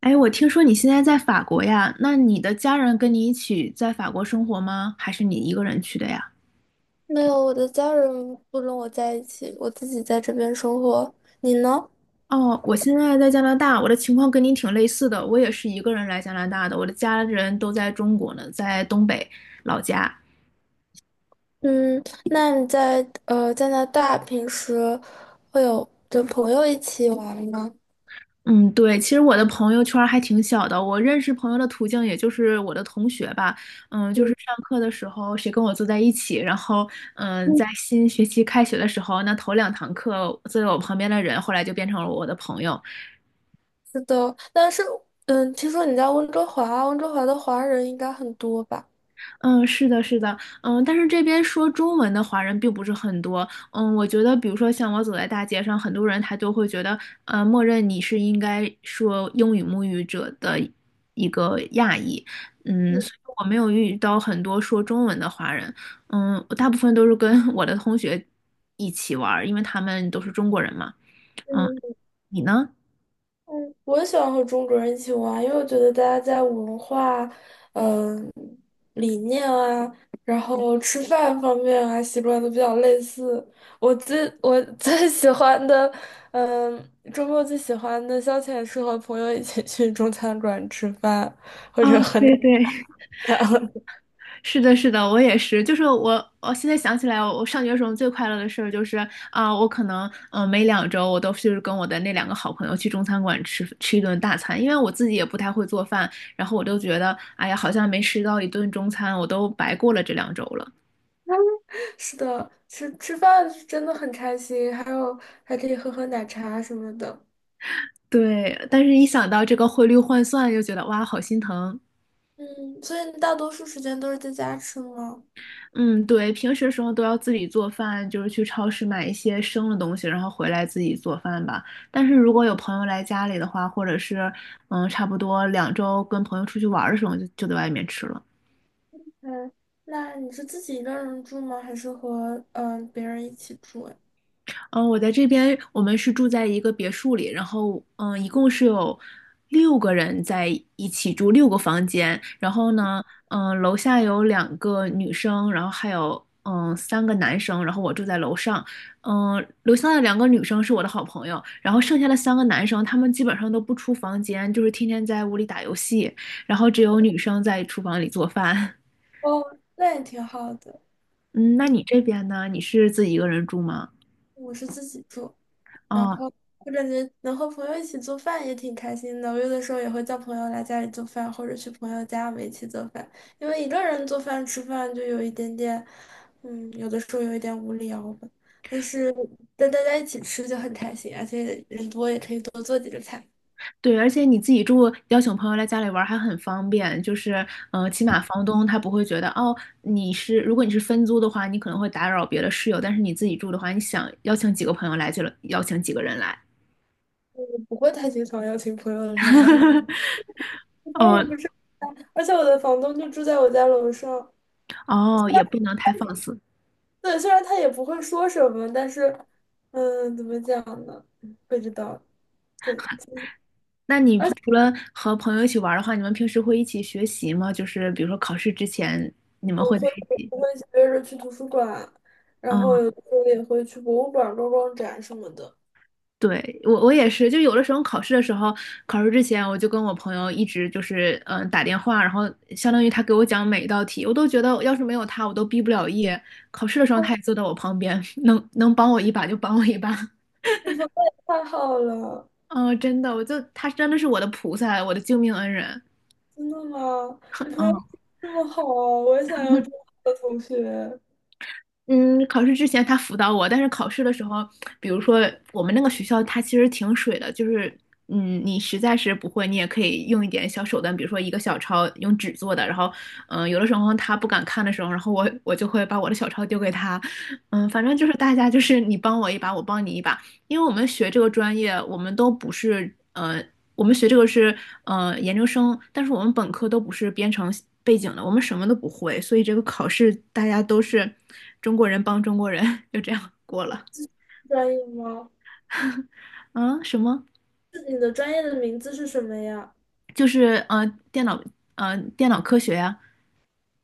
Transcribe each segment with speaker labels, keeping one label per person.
Speaker 1: 哎，我听说你现在在法国呀，那你的家人跟你一起在法国生活吗？还是你一个人去的呀？
Speaker 2: 没有，我的家人不跟我在一起，我自己在这边生活。你呢？
Speaker 1: 哦，我现在在加拿大，我的情况跟你挺类似的，我也是一个人来加拿大的，我的家人都在中国呢，在东北老家。
Speaker 2: 嗯，那你在加拿大平时会有跟朋友一起玩吗？
Speaker 1: 嗯，对，其实我的朋友圈儿还挺小的，我认识朋友的途径也就是我的同学吧，就是
Speaker 2: 嗯
Speaker 1: 上课的时候谁跟我坐在一起，然后
Speaker 2: 嗯，
Speaker 1: 在新学期开学的时候，那头两堂课坐在我旁边的人，后来就变成了我的朋友。
Speaker 2: 是的，但是嗯，听说你在温哥华啊，温哥华的华人应该很多吧？
Speaker 1: 嗯，是的，是的。但是这边说中文的华人并不是很多。嗯，我觉得，比如说像我走在大街上，很多人他就会觉得，默认你是应该说英语母语者的一个亚裔。
Speaker 2: 嗯
Speaker 1: 所以我没有遇到很多说中文的华人。我大部分都是跟 我的同学一起玩儿，因为他们都是中国人嘛。嗯，你呢？
Speaker 2: 嗯，我也喜欢和中国人一起玩，因为我觉得大家在文化理念啊，然后吃饭方面啊，习惯都比较类似。我最喜欢的，嗯，周末最喜欢的消遣是和朋友一起去中餐馆吃饭。
Speaker 1: 啊，对对，
Speaker 2: 然后
Speaker 1: 是的，是的，我也是。就是我现在想起来，我上学的时候最快乐的事儿就是啊、我可能每两周我都是跟我的那两个好朋友去中餐馆吃一顿大餐，因为我自己也不太会做饭，然后我就觉得哎呀，好像没吃到一顿中餐，我都白过了这两周了。
Speaker 2: 是的，吃饭是真的很开心，还有还可以喝喝奶茶什么的。
Speaker 1: 对，但是一想到这个汇率换算，又觉得哇，好心疼。
Speaker 2: 嗯，所以你大多数时间都是在家吃吗？
Speaker 1: 嗯，对，平时时候都要自己做饭，就是去超市买一些生的东西，然后回来自己做饭吧。但是如果有朋友来家里的话，或者是差不多两周跟朋友出去玩儿的时候，就在外面吃了。
Speaker 2: 嗯，那你是自己一个人住吗？还是和别人一起住呀？
Speaker 1: 嗯，我在这边，我们是住在一个别墅里，然后一共是有六个人在一起住，六个房间。然后呢，楼下有两个女生，然后还有三个男生，然后我住在楼上。楼下的两个女生是我的好朋友，然后剩下的三个男生，他们基本上都不出房间，就是天天在屋里打游戏，然后只有女生在厨房里做饭。
Speaker 2: 哦，那也挺好的。
Speaker 1: 嗯，那你这边呢？你是自己一个人住吗？
Speaker 2: 我是自己住，然
Speaker 1: 哦，
Speaker 2: 后我感觉能和朋友一起做饭也挺开心的。我有的时候也会叫朋友来家里做饭，或者去朋友家我们一起做饭。因为一个人做饭吃饭就有一点点，嗯，有的时候有一点无聊吧。但是跟大家一起吃就很开心，而且人多也可以多做几个菜。
Speaker 1: 对，而且你自己住，邀请朋友来家里玩儿还很方便，就是，起码房东他不会觉得，哦，如果你是分租的话，你可能会打扰别的室友，但是你自己住的话，你想邀请几个朋友来就了邀请几个人来。
Speaker 2: 我不会太经常邀请朋友来，我也
Speaker 1: 哦
Speaker 2: 不是，而且我的房东就住在我家楼上，
Speaker 1: 哦，也不能太放肆。
Speaker 2: 对，虽然他也不会说什么，但是，嗯，怎么讲呢？不知道。对，
Speaker 1: 那你除了和朋友一起玩儿的话，你们平时会一起学习吗？就是比如说考试之前，你们
Speaker 2: 我
Speaker 1: 会在
Speaker 2: 会
Speaker 1: 一起？
Speaker 2: 我会约着去图书馆，然后
Speaker 1: 嗯
Speaker 2: 有的时候也会去博物馆逛逛展什么的。
Speaker 1: 对，我也是，就有的时候考试的时候，考试之前我就跟我朋友一直就是打电话，然后相当于他给我讲每一道题，我都觉得要是没有他，我都毕不了业。考试的时候他也坐
Speaker 2: 哦
Speaker 1: 在我旁边，能帮我一把就帮我一把。
Speaker 2: 你朋友也太好了，
Speaker 1: 嗯、真的，他真的是我的菩萨，我的救命恩人。
Speaker 2: 真的吗？你朋友
Speaker 1: 嗯。
Speaker 2: 这么好，我也想要这么好的同学。
Speaker 1: 嗯，考试之前他辅导我，但是考试的时候，比如说我们那个学校，它其实挺水的，就是你实在是不会，你也可以用一点小手段，比如说一个小抄用纸做的，然后有的时候他不敢看的时候，然后我就会把我的小抄丢给他。反正就是大家就是你帮我一把，我帮你一把，因为我们学这个专业，我们都不是我们学这个是研究生，但是我们本科都不是编程背景的，我们什么都不会，所以这个考试大家都是中国人帮中国人，就这样过了。
Speaker 2: 专业吗？
Speaker 1: 啊，什么？
Speaker 2: 是你的专业的名字是什么呀？
Speaker 1: 就是电脑电脑科学呀、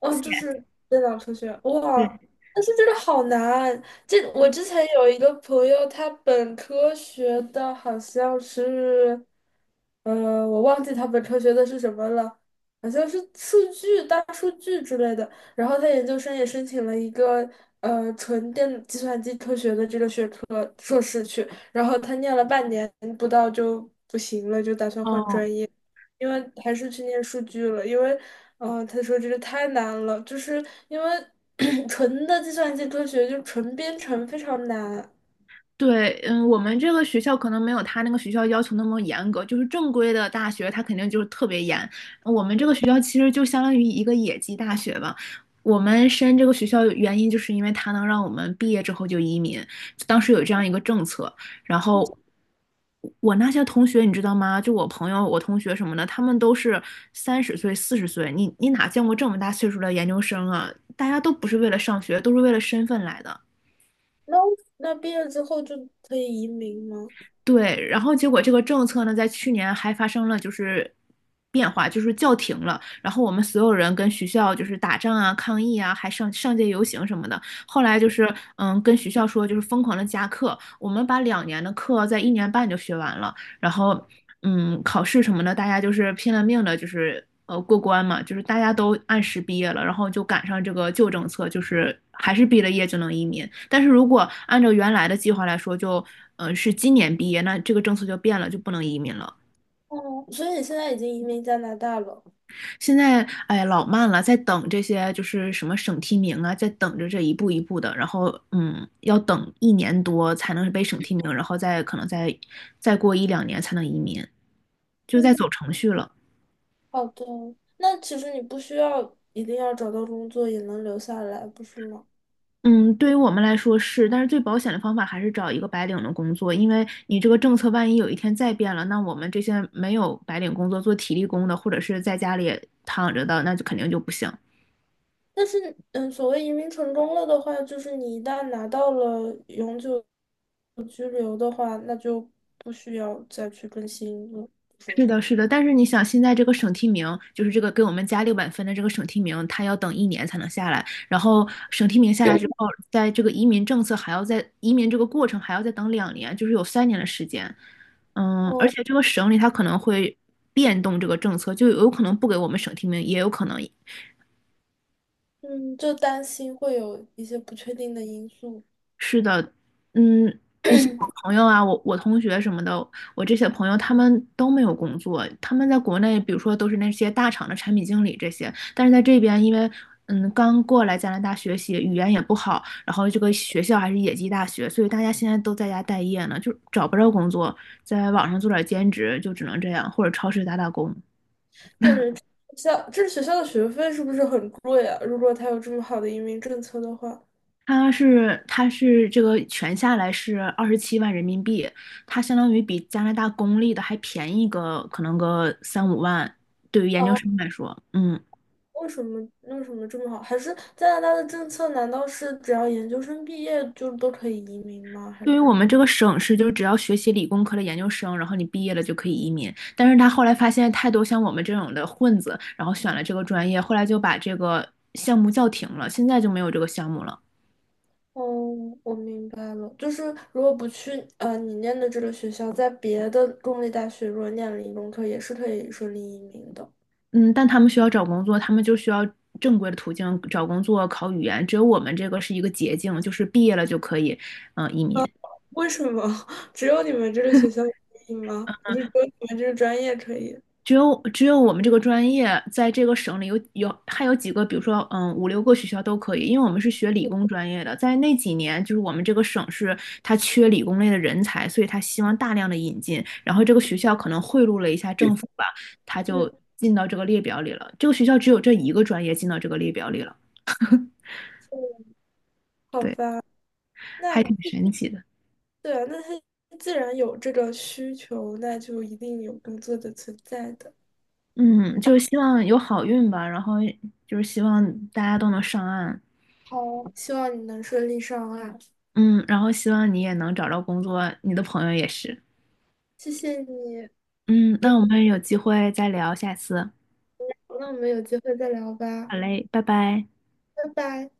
Speaker 2: 嗯，就是电脑科学，
Speaker 1: 对。
Speaker 2: 哇，但是这个好难。这我之前有一个朋友，他本科学的好像是，我忘记他本科学的是什么了，好像是数据、大数据之类的。然后他研究生也申请了一个纯电计算机科学的这个学科硕士去，然后他念了半年不到就不行了，就打算换
Speaker 1: 哦，
Speaker 2: 专业。因为还是去念数据了，因为，他说这个太难了，就是因为 纯的计算机科学就纯编程非常难。
Speaker 1: 对。嗯，我们这个学校可能没有他那个学校要求那么严格，就是正规的大学，他肯定就是特别严。我们这个学校其实就相当于一个野鸡大学吧。我们申这个学校原因就是因为它能让我们毕业之后就移民，当时有这样一个政策。然后我那些同学，你知道吗？就我朋友、我同学什么的，他们都是30岁、40岁，你哪见过这么大岁数的研究生啊？大家都不是为了上学，都是为了身份来的。
Speaker 2: 那那毕业之后就可以移民吗？
Speaker 1: 对，然后结果这个政策呢，在去年还发生了就是变化，就是叫停了。然后我们所有人跟学校就是打仗啊、抗议啊，还上街游行什么的。后来就是跟学校说就是疯狂的加课，我们把两年的课在1年半就学完了。然后考试什么的，大家就是拼了命的，就是过关嘛，就是大家都按时毕业了，然后就赶上这个旧政策，就是还是毕了业就能移民。但是如果按照原来的计划来说，就是今年毕业，那这个政策就变了，就不能移民了。
Speaker 2: 哦，所以你现在已经移民加拿大了。
Speaker 1: 现在哎老慢了，在等这些就是什么省提名啊，在等着这一步一步的，然后要等1年多才能被省提名，然后再可能再过一两年才能移民，就在走
Speaker 2: 嗯，
Speaker 1: 程序了。
Speaker 2: 好的。那其实你不需要一定要找到工作也能留下来，不是吗？
Speaker 1: 嗯，对于我们来说是，但是最保险的方法还是找一个白领的工作，因为你这个政策万一有一天再变了，那我们这些没有白领工作、做体力工的，或者是在家里躺着的，那就肯定就不行。
Speaker 2: 但是，嗯，所谓移民成功了的话，就是你一旦拿到了永久居留的话，那就不需要再去更新了，不是
Speaker 1: 是
Speaker 2: 吗？
Speaker 1: 的，是的，但是你想，现在这个省提名，就是这个给我们加600分的这个省提名，他要等一年才能下来。然后省提名下来之后，在这个移民政策还要在移民这个过程还要再等两年，就是有3年的时间。而
Speaker 2: 哦，
Speaker 1: 且这个省里它可能会变动这个政策，就有可能不给我们省提名，也有可能
Speaker 2: 嗯，就担心会有一些不确定的因素。
Speaker 1: 是的。嗯，你像我朋友啊，我同学什么的，我这些朋友他们都没有工作，他们在国内，比如说都是那些大厂的产品经理这些，但是在这边，因为刚过来加拿大学习，语言也不好，然后这个学校还是野鸡大学，所以大家现在都在家待业呢，就找不着工作，在网上做点兼职，就只能这样，或者超市打打工。
Speaker 2: 这是学校，这学校的学费是不是很贵啊？如果他有这么好的移民政策的话，
Speaker 1: 它是这个全下来是27万人民币，它相当于比加拿大公立的还便宜个可能个三五万，对于研
Speaker 2: 啊，
Speaker 1: 究生来说。嗯。
Speaker 2: 为什么这么好？还是加拿大的政策难道是只要研究生毕业就都可以移民吗？还是？
Speaker 1: 对于我们这个省市，就是只要学习理工科的研究生，然后你毕业了就可以移民。但是他后来发现太多像我们这种的混子，然后选了这个专业，后来就把这个项目叫停了，现在就没有这个项目了。
Speaker 2: 哦，我明白了，就是如果不去你念的这个学校，在别的公立大学如果念了理工科，也是可以顺利移民的。
Speaker 1: 嗯，但他们需要找工作，他们就需要正规的途径找工作、考语言。只有我们这个是一个捷径，就是毕业了就可以，移民。
Speaker 2: 为什么 只有你们这个学校可以吗？不是只有你们这个专业可以？
Speaker 1: 只有我们这个专业在这个省里有还有几个，比如说五六个学校都可以，因为我们是学理工专业的，在那几年就是我们这个省市它缺理工类的人才，所以他希望大量的引进，然后这个学校可能贿赂了一下政府吧，他就
Speaker 2: 嗯，
Speaker 1: 进到这个列表里了。这个学校只有这一个专业进到这个列表里了，
Speaker 2: 嗯好
Speaker 1: 对，
Speaker 2: 吧，那
Speaker 1: 还挺神奇的。
Speaker 2: 对啊，那他既然有这个需求，那就一定有工作的存在的。
Speaker 1: 嗯，就是希望有好运吧，然后就是希望大家都能上岸。
Speaker 2: 好，希望你能顺利上岸，
Speaker 1: 嗯，然后希望你也能找到工作，你的朋友也是。
Speaker 2: 谢谢你。
Speaker 1: 嗯，
Speaker 2: 我
Speaker 1: 那我们有机会再聊，下次，
Speaker 2: 那我们有机会再聊吧，
Speaker 1: 好嘞，拜拜。
Speaker 2: 拜拜。